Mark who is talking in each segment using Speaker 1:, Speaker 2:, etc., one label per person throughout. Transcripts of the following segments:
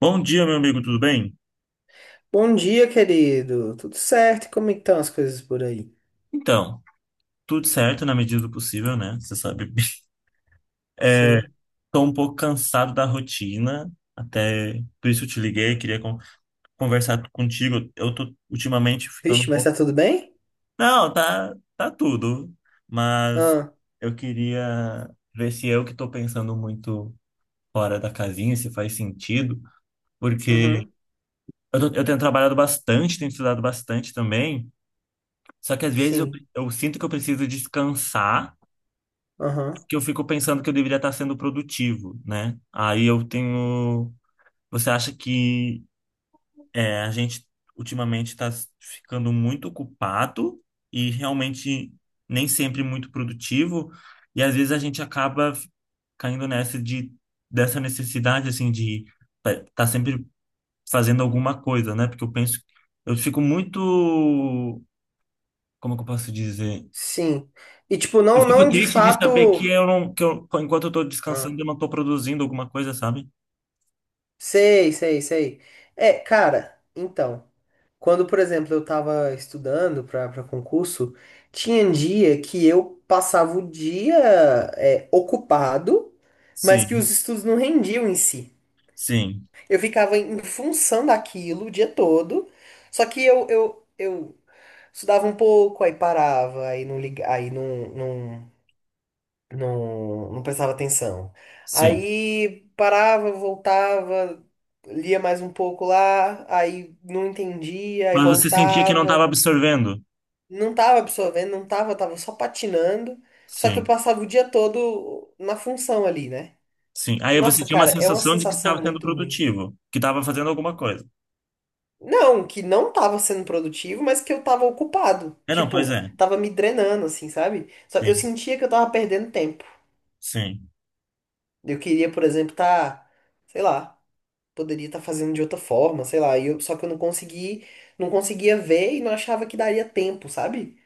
Speaker 1: Bom dia, meu amigo, tudo bem?
Speaker 2: Bom dia, querido. Tudo certo? E como é que estão as coisas por aí?
Speaker 1: Então, tudo certo na medida do possível, né? Você sabe. É,
Speaker 2: Sim.
Speaker 1: tô um pouco cansado da rotina, até por isso eu te liguei, queria conversar contigo. Eu tô ultimamente ficando
Speaker 2: Vixe,
Speaker 1: um
Speaker 2: mas
Speaker 1: pouco.
Speaker 2: tá tudo bem?
Speaker 1: Não, tá tudo, mas
Speaker 2: Ah,
Speaker 1: eu queria ver se eu que tô pensando muito fora da casinha, se faz sentido, porque
Speaker 2: uhum.
Speaker 1: eu tenho trabalhado bastante, tenho estudado bastante também, só que às vezes
Speaker 2: Sim.
Speaker 1: eu sinto que eu preciso descansar
Speaker 2: Aham.
Speaker 1: que eu fico pensando que eu deveria estar sendo produtivo, né? Aí eu tenho. Você acha que é, a gente ultimamente está ficando muito ocupado e realmente nem sempre muito produtivo, e às vezes a gente acaba caindo nessa de dessa necessidade assim de estar tá sempre fazendo alguma coisa, né? Porque eu penso, eu fico muito, como que eu posso dizer?
Speaker 2: Sim. E tipo,
Speaker 1: Eu
Speaker 2: não,
Speaker 1: fico
Speaker 2: não de
Speaker 1: triste de saber que
Speaker 2: fato.
Speaker 1: eu não, que eu, enquanto eu tô descansando,
Speaker 2: Ah,
Speaker 1: eu não tô produzindo alguma coisa, sabe?
Speaker 2: sei, sei, sei. É, cara, então. Quando, por exemplo, eu tava estudando pra concurso, tinha dia que eu passava o dia ocupado, mas que os
Speaker 1: Sim,
Speaker 2: estudos não rendiam em si.
Speaker 1: sim,
Speaker 2: Eu ficava em função daquilo o dia todo. Só que eu estudava um pouco, aí parava, aí não liga, aí não prestava atenção.
Speaker 1: sim.
Speaker 2: Aí parava, voltava, lia mais um pouco lá, aí não entendia, aí
Speaker 1: Mas você sentia que não estava
Speaker 2: voltava.
Speaker 1: absorvendo?
Speaker 2: Não tava absorvendo, não tava, só patinando. Só que eu
Speaker 1: Sim,
Speaker 2: passava o dia todo na função ali, né?
Speaker 1: sim. Aí você
Speaker 2: Nossa,
Speaker 1: tinha uma
Speaker 2: cara, é uma
Speaker 1: sensação de que
Speaker 2: sensação
Speaker 1: estava sendo
Speaker 2: muito ruim.
Speaker 1: produtivo, que estava fazendo alguma coisa.
Speaker 2: Não, que não tava sendo produtivo, mas que eu tava ocupado.
Speaker 1: É, não, pois
Speaker 2: Tipo,
Speaker 1: é.
Speaker 2: tava me drenando, assim, sabe? Só eu
Speaker 1: Sim,
Speaker 2: sentia que eu tava perdendo tempo.
Speaker 1: sim,
Speaker 2: Eu queria, por exemplo, tá, sei lá, poderia estar fazendo de outra forma, sei lá. E eu, só que eu não consegui, não conseguia ver e não achava que daria tempo, sabe?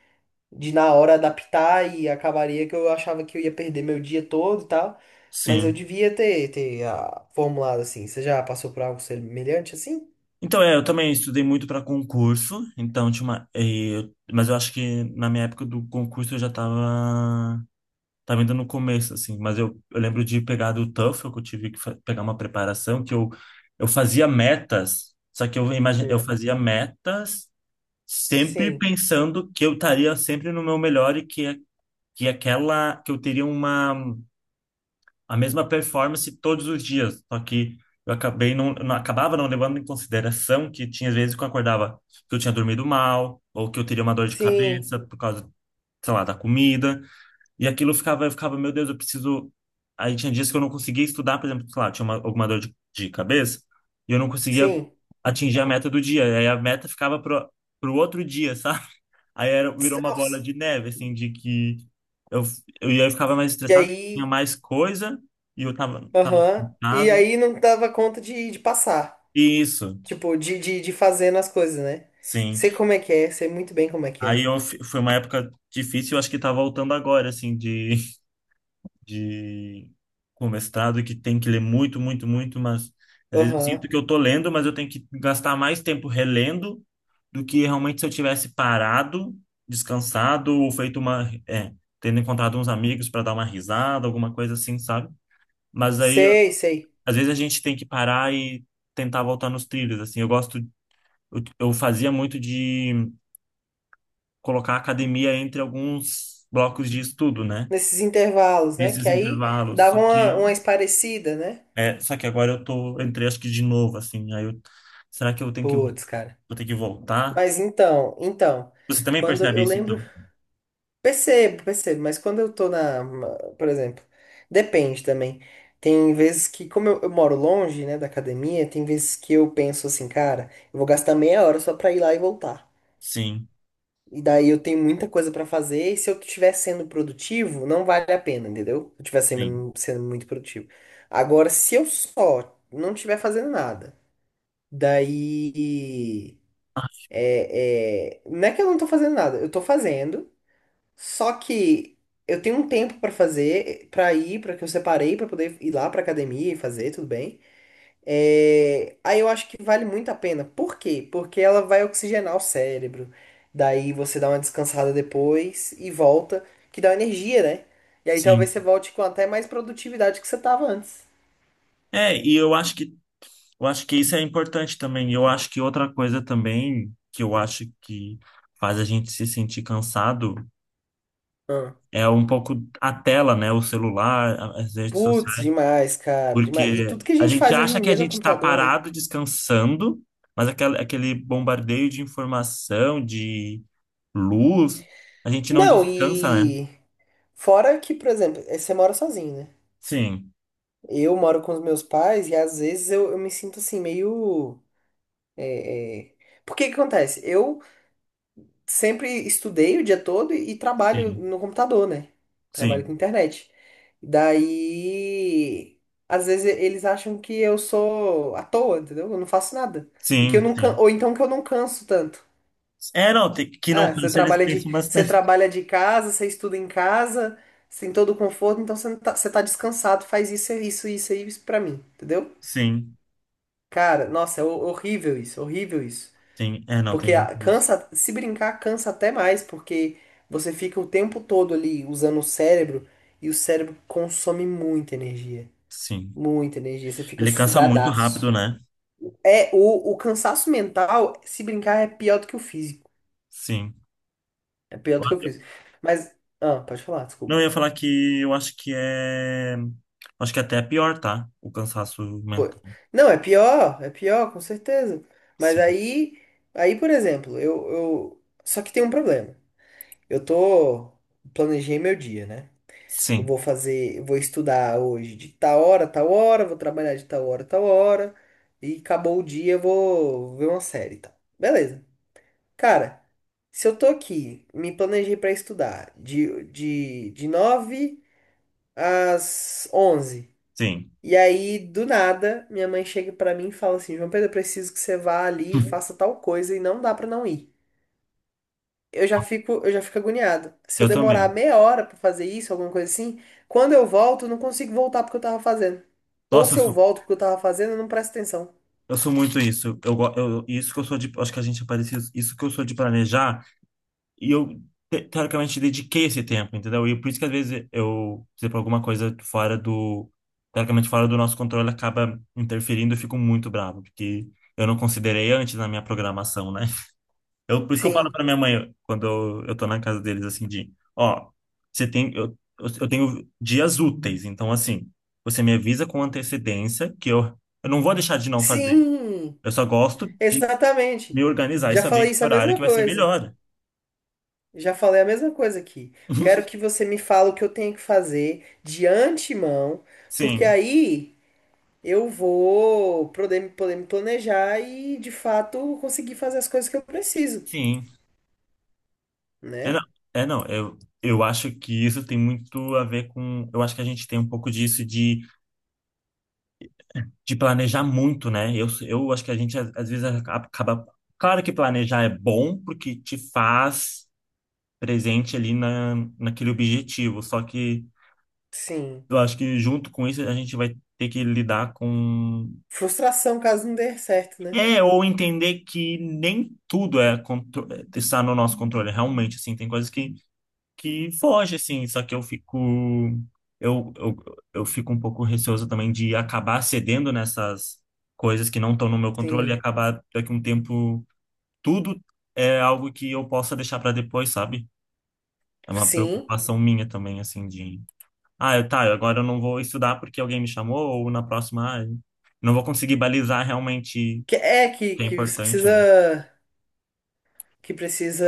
Speaker 2: De na hora adaptar e acabaria que eu achava que eu ia perder meu dia todo e tal. Mas eu
Speaker 1: sim.
Speaker 2: devia ter formulado assim. Você já passou por algo semelhante assim?
Speaker 1: Então, é, eu também estudei muito para concurso, então tinha uma, mas eu acho que na minha época do concurso eu já estava. Tava ainda no começo, assim, mas eu lembro de pegar do TOEFL, que eu tive que pegar uma preparação, eu fazia metas, só que eu
Speaker 2: Hum.
Speaker 1: fazia metas sempre
Speaker 2: Sim,
Speaker 1: pensando que eu estaria sempre no meu melhor e que, que aquela, que eu teria uma, a mesma performance todos os dias, só que eu acabei não acabava não levando em consideração que tinha vezes que eu acordava que eu tinha dormido mal, ou que eu teria uma dor de
Speaker 2: sim.
Speaker 1: cabeça por causa, sei lá, da comida, e aquilo eu ficava, meu Deus, eu preciso. Aí tinha dias que eu não conseguia estudar, por exemplo, sei lá, tinha uma, alguma dor de cabeça, e eu não conseguia
Speaker 2: Sim.
Speaker 1: atingir a meta do dia. Aí a meta ficava pro outro dia, sabe? Aí era, virou uma bola
Speaker 2: Nossa.
Speaker 1: de neve, assim, de que eu, e aí eu ficava mais
Speaker 2: E
Speaker 1: estressado, tinha
Speaker 2: aí,
Speaker 1: mais coisa, e eu tava
Speaker 2: aham. E
Speaker 1: cansado.
Speaker 2: aí não dava conta de passar.
Speaker 1: Isso,
Speaker 2: Tipo, de fazendo as coisas, né?
Speaker 1: sim.
Speaker 2: Sei como é que é, sei muito bem como é que
Speaker 1: Aí
Speaker 2: é.
Speaker 1: eu, foi uma época difícil, eu acho que tá voltando agora, assim, de. De com mestrado que tem que ler muito, muito, muito, mas às vezes eu sinto
Speaker 2: Aham.
Speaker 1: que eu tô lendo, mas eu tenho que gastar mais tempo relendo do que realmente se eu tivesse parado, descansado ou feito uma, é, tendo encontrado uns amigos para dar uma risada, alguma coisa assim, sabe? Mas aí
Speaker 2: Sei, sei.
Speaker 1: às vezes a gente tem que parar e tentar voltar nos trilhos, assim. Eu fazia muito de colocar a academia entre alguns blocos de estudo, né?
Speaker 2: Nesses intervalos, né?
Speaker 1: Nesses
Speaker 2: Que aí
Speaker 1: intervalos, só
Speaker 2: dava uma,
Speaker 1: que
Speaker 2: uma esparecida, né?
Speaker 1: é, só que agora eu tô, eu entrei acho que de novo, assim, aí eu, será que eu tenho que, vou
Speaker 2: Putz, cara.
Speaker 1: ter que voltar?
Speaker 2: Mas então, então,
Speaker 1: Você também
Speaker 2: quando
Speaker 1: percebe
Speaker 2: eu
Speaker 1: isso,
Speaker 2: lembro
Speaker 1: então?
Speaker 2: Percebo, percebo, mas quando eu tô na, por exemplo, depende também. Tem vezes que, como eu moro longe, né, da academia, tem vezes que eu penso assim, cara, eu vou gastar meia hora só pra ir lá e voltar.
Speaker 1: Sim,
Speaker 2: E daí eu tenho muita coisa pra fazer, e se eu estiver sendo produtivo, não vale a pena, entendeu? Se eu estiver
Speaker 1: sim.
Speaker 2: sendo muito produtivo. Agora, se eu só não estiver fazendo nada, daí.
Speaker 1: Ah,
Speaker 2: É, é, não é que eu não tô fazendo nada, eu tô fazendo. Só que eu tenho um tempo pra fazer, pra ir, pra que eu separei pra poder ir lá pra academia e fazer, tudo bem. É, aí eu acho que vale muito a pena. Por quê? Porque ela vai oxigenar o cérebro. Daí você dá uma descansada depois e volta, que dá energia, né? E aí talvez
Speaker 1: sim.
Speaker 2: você volte com até mais produtividade que você tava antes.
Speaker 1: É, e eu acho que isso é importante também. Eu acho que outra coisa também que eu acho que faz a gente se sentir cansado
Speaker 2: Ah.
Speaker 1: é um pouco a tela, né? O celular, as redes
Speaker 2: Putz,
Speaker 1: sociais.
Speaker 2: demais, cara. Demais. E
Speaker 1: Porque
Speaker 2: tudo que a
Speaker 1: a
Speaker 2: gente
Speaker 1: gente
Speaker 2: faz hoje
Speaker 1: acha
Speaker 2: em
Speaker 1: que
Speaker 2: dia
Speaker 1: a
Speaker 2: é no
Speaker 1: gente está
Speaker 2: computador, né?
Speaker 1: parado, descansando, mas aquele bombardeio de informação, de luz, a gente não
Speaker 2: Não,
Speaker 1: descansa, né?
Speaker 2: e fora que, por exemplo, você mora sozinho, né?
Speaker 1: Sim,
Speaker 2: Eu moro com os meus pais e às vezes eu me sinto assim, meio. É, é. Porque que acontece? Eu sempre estudei o dia todo e trabalho
Speaker 1: sim,
Speaker 2: no computador, né? Trabalho com
Speaker 1: sim,
Speaker 2: internet. Daí. Às vezes eles acham que eu sou à toa, entendeu? Eu não faço nada. E que eu
Speaker 1: sim,
Speaker 2: não can...
Speaker 1: sim.
Speaker 2: Ou então que eu não canso tanto.
Speaker 1: É, não, que não
Speaker 2: Ah,
Speaker 1: cansa, eles pensam
Speaker 2: você
Speaker 1: bastante.
Speaker 2: trabalha de casa, você estuda em casa, você tem todo o conforto, então você, não tá, você tá descansado, faz isso, isso, isso, isso pra mim, entendeu?
Speaker 1: Sim,
Speaker 2: Cara, nossa, é horrível isso, horrível isso.
Speaker 1: sim, é, não, tem
Speaker 2: Porque
Speaker 1: muito disso.
Speaker 2: cansa, se brincar, cansa até mais, porque você fica o tempo todo ali usando o cérebro e o cérebro consome muita energia.
Speaker 1: Sim.
Speaker 2: Muita energia, você fica
Speaker 1: Ele cansa muito rápido,
Speaker 2: sugadaço.
Speaker 1: né?
Speaker 2: É, o cansaço mental, se brincar, é pior do que o físico.
Speaker 1: Sim.
Speaker 2: É pior do que o
Speaker 1: Olha,
Speaker 2: físico. Mas, ah, pode falar,
Speaker 1: não,
Speaker 2: desculpa.
Speaker 1: eu ia falar que eu acho que é. Acho que até é pior, tá? O cansaço
Speaker 2: Pô,
Speaker 1: mental.
Speaker 2: não, é pior, com certeza. Mas
Speaker 1: Sim,
Speaker 2: aí, aí, por exemplo. Só que tem um problema. Eu tô planejei meu dia, né? Eu
Speaker 1: sim,
Speaker 2: vou fazer, eu vou estudar hoje de tal hora, a tal hora, vou trabalhar de tal hora, a tal hora, e acabou o dia, eu vou ver uma série, e tal. Beleza. Cara, se eu tô aqui, me planejei pra estudar de 9 às 11.
Speaker 1: sim.
Speaker 2: E aí, do nada, minha mãe chega pra mim e fala assim: João Pedro, eu preciso que você vá ali e faça tal coisa, e não dá pra não ir. Eu já fico agoniado. Se eu
Speaker 1: Eu
Speaker 2: demorar
Speaker 1: também.
Speaker 2: meia hora pra fazer isso, alguma coisa assim, quando eu volto, eu não consigo voltar porque eu tava fazendo. Ou
Speaker 1: Nossa, eu
Speaker 2: se eu
Speaker 1: sou,
Speaker 2: volto porque eu tava fazendo, eu não presto atenção.
Speaker 1: eu sou muito isso. Isso que eu sou de. Acho que a gente é parecido. Isso que eu sou de planejar. E eu, teoricamente, dediquei esse tempo, entendeu? E por isso que, às vezes, eu, se por exemplo, alguma coisa fora do, teoricamente, fora do nosso controle acaba interferindo, eu fico muito bravo, porque eu não considerei antes na minha programação, né? Eu, por isso que eu falo
Speaker 2: Sim.
Speaker 1: pra minha mãe, quando eu tô na casa deles, assim, de, ó, você tem, eu tenho dias úteis, então, assim, você me avisa com antecedência eu não vou deixar de não fazer.
Speaker 2: Sim,
Speaker 1: Eu só gosto de me
Speaker 2: exatamente.
Speaker 1: organizar e
Speaker 2: Já
Speaker 1: saber
Speaker 2: falei
Speaker 1: que
Speaker 2: isso a
Speaker 1: horário
Speaker 2: mesma
Speaker 1: que vai ser
Speaker 2: coisa.
Speaker 1: melhor.
Speaker 2: Já falei a mesma coisa aqui. Quero que você me fale o que eu tenho que fazer de antemão, porque
Speaker 1: Sim,
Speaker 2: aí eu vou poder me planejar e de fato conseguir fazer as coisas que eu preciso,
Speaker 1: sim. É, não,
Speaker 2: né?
Speaker 1: é, não, eu acho que isso tem muito a ver com. Eu acho que a gente tem um pouco disso de planejar muito, né? Eu acho que a gente, às, às vezes, acaba. Claro que planejar é bom, porque te faz presente ali naquele objetivo. Só que
Speaker 2: Sim.
Speaker 1: eu acho que, junto com isso, a gente vai ter que lidar com.
Speaker 2: Frustração caso não dê certo, né?
Speaker 1: É, ou entender que nem tudo é é, está no nosso controle. Realmente, assim, tem coisas que foge, assim, só que eu fico. Eu, eu, eu fico um pouco receoso também de acabar cedendo nessas coisas que não estão no meu controle e
Speaker 2: Sim.
Speaker 1: acabar daqui a um tempo. Tudo é algo que eu possa deixar para depois, sabe? É uma
Speaker 2: Sim.
Speaker 1: preocupação minha também, assim, de. Tá, agora eu não vou estudar porque alguém me chamou, ou na próxima, ah, eu não vou conseguir balizar realmente o
Speaker 2: Que é
Speaker 1: que é
Speaker 2: que você
Speaker 1: importante, não.
Speaker 2: precisa. Que precisa.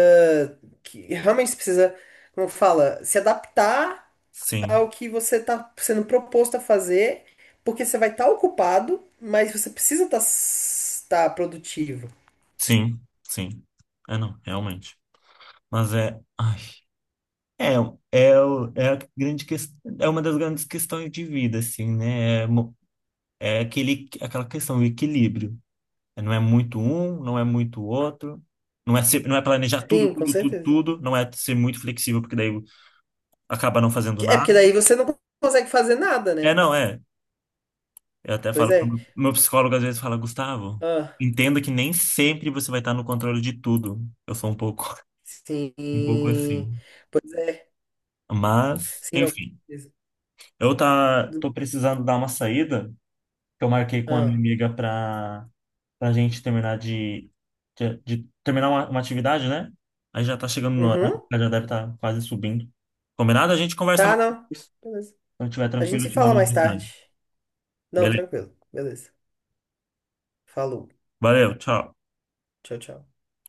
Speaker 2: Que realmente você precisa, como fala, se adaptar
Speaker 1: Sim,
Speaker 2: ao que você está sendo proposto a fazer, porque você vai estar ocupado, mas você precisa tá produtivo.
Speaker 1: sim, sim. É, não, realmente. Mas é. Ai. É, é, é a grande é uma das grandes questões de vida, assim, né? É aquele, aquela questão, o equilíbrio. Não é muito um, não é muito outro, não é ser, não é planejar tudo,
Speaker 2: Sim, com
Speaker 1: tudo, tudo,
Speaker 2: certeza.
Speaker 1: tudo, não é ser muito flexível, porque daí acaba não fazendo
Speaker 2: É porque
Speaker 1: nada.
Speaker 2: daí você não consegue fazer nada,
Speaker 1: É,
Speaker 2: né?
Speaker 1: não, é. Eu até
Speaker 2: Pois
Speaker 1: falo pro
Speaker 2: é.
Speaker 1: meu psicólogo, às vezes, fala, Gustavo,
Speaker 2: Ah,
Speaker 1: entenda que nem sempre você vai estar no controle de tudo. Eu sou um pouco, um pouco
Speaker 2: sim.
Speaker 1: assim.
Speaker 2: Pois,
Speaker 1: Mas,
Speaker 2: sim, não.
Speaker 1: enfim, eu tá, tô precisando dar uma saída. Que eu marquei com a minha
Speaker 2: Ah.
Speaker 1: amiga para a gente terminar de, de terminar uma atividade, né? Aí já tá chegando no horário,
Speaker 2: Uhum.
Speaker 1: ela já deve estar quase subindo. Combinado? A gente conversa
Speaker 2: Tá,
Speaker 1: mais
Speaker 2: não.
Speaker 1: depois.
Speaker 2: Beleza.
Speaker 1: Quando estiver
Speaker 2: A gente
Speaker 1: tranquilo,
Speaker 2: se
Speaker 1: eu te
Speaker 2: fala
Speaker 1: mando
Speaker 2: mais
Speaker 1: mensagem.
Speaker 2: tarde. Não,
Speaker 1: Beleza.
Speaker 2: tranquilo. Beleza. Falou.
Speaker 1: Valeu, tchau.
Speaker 2: Tchau, tchau.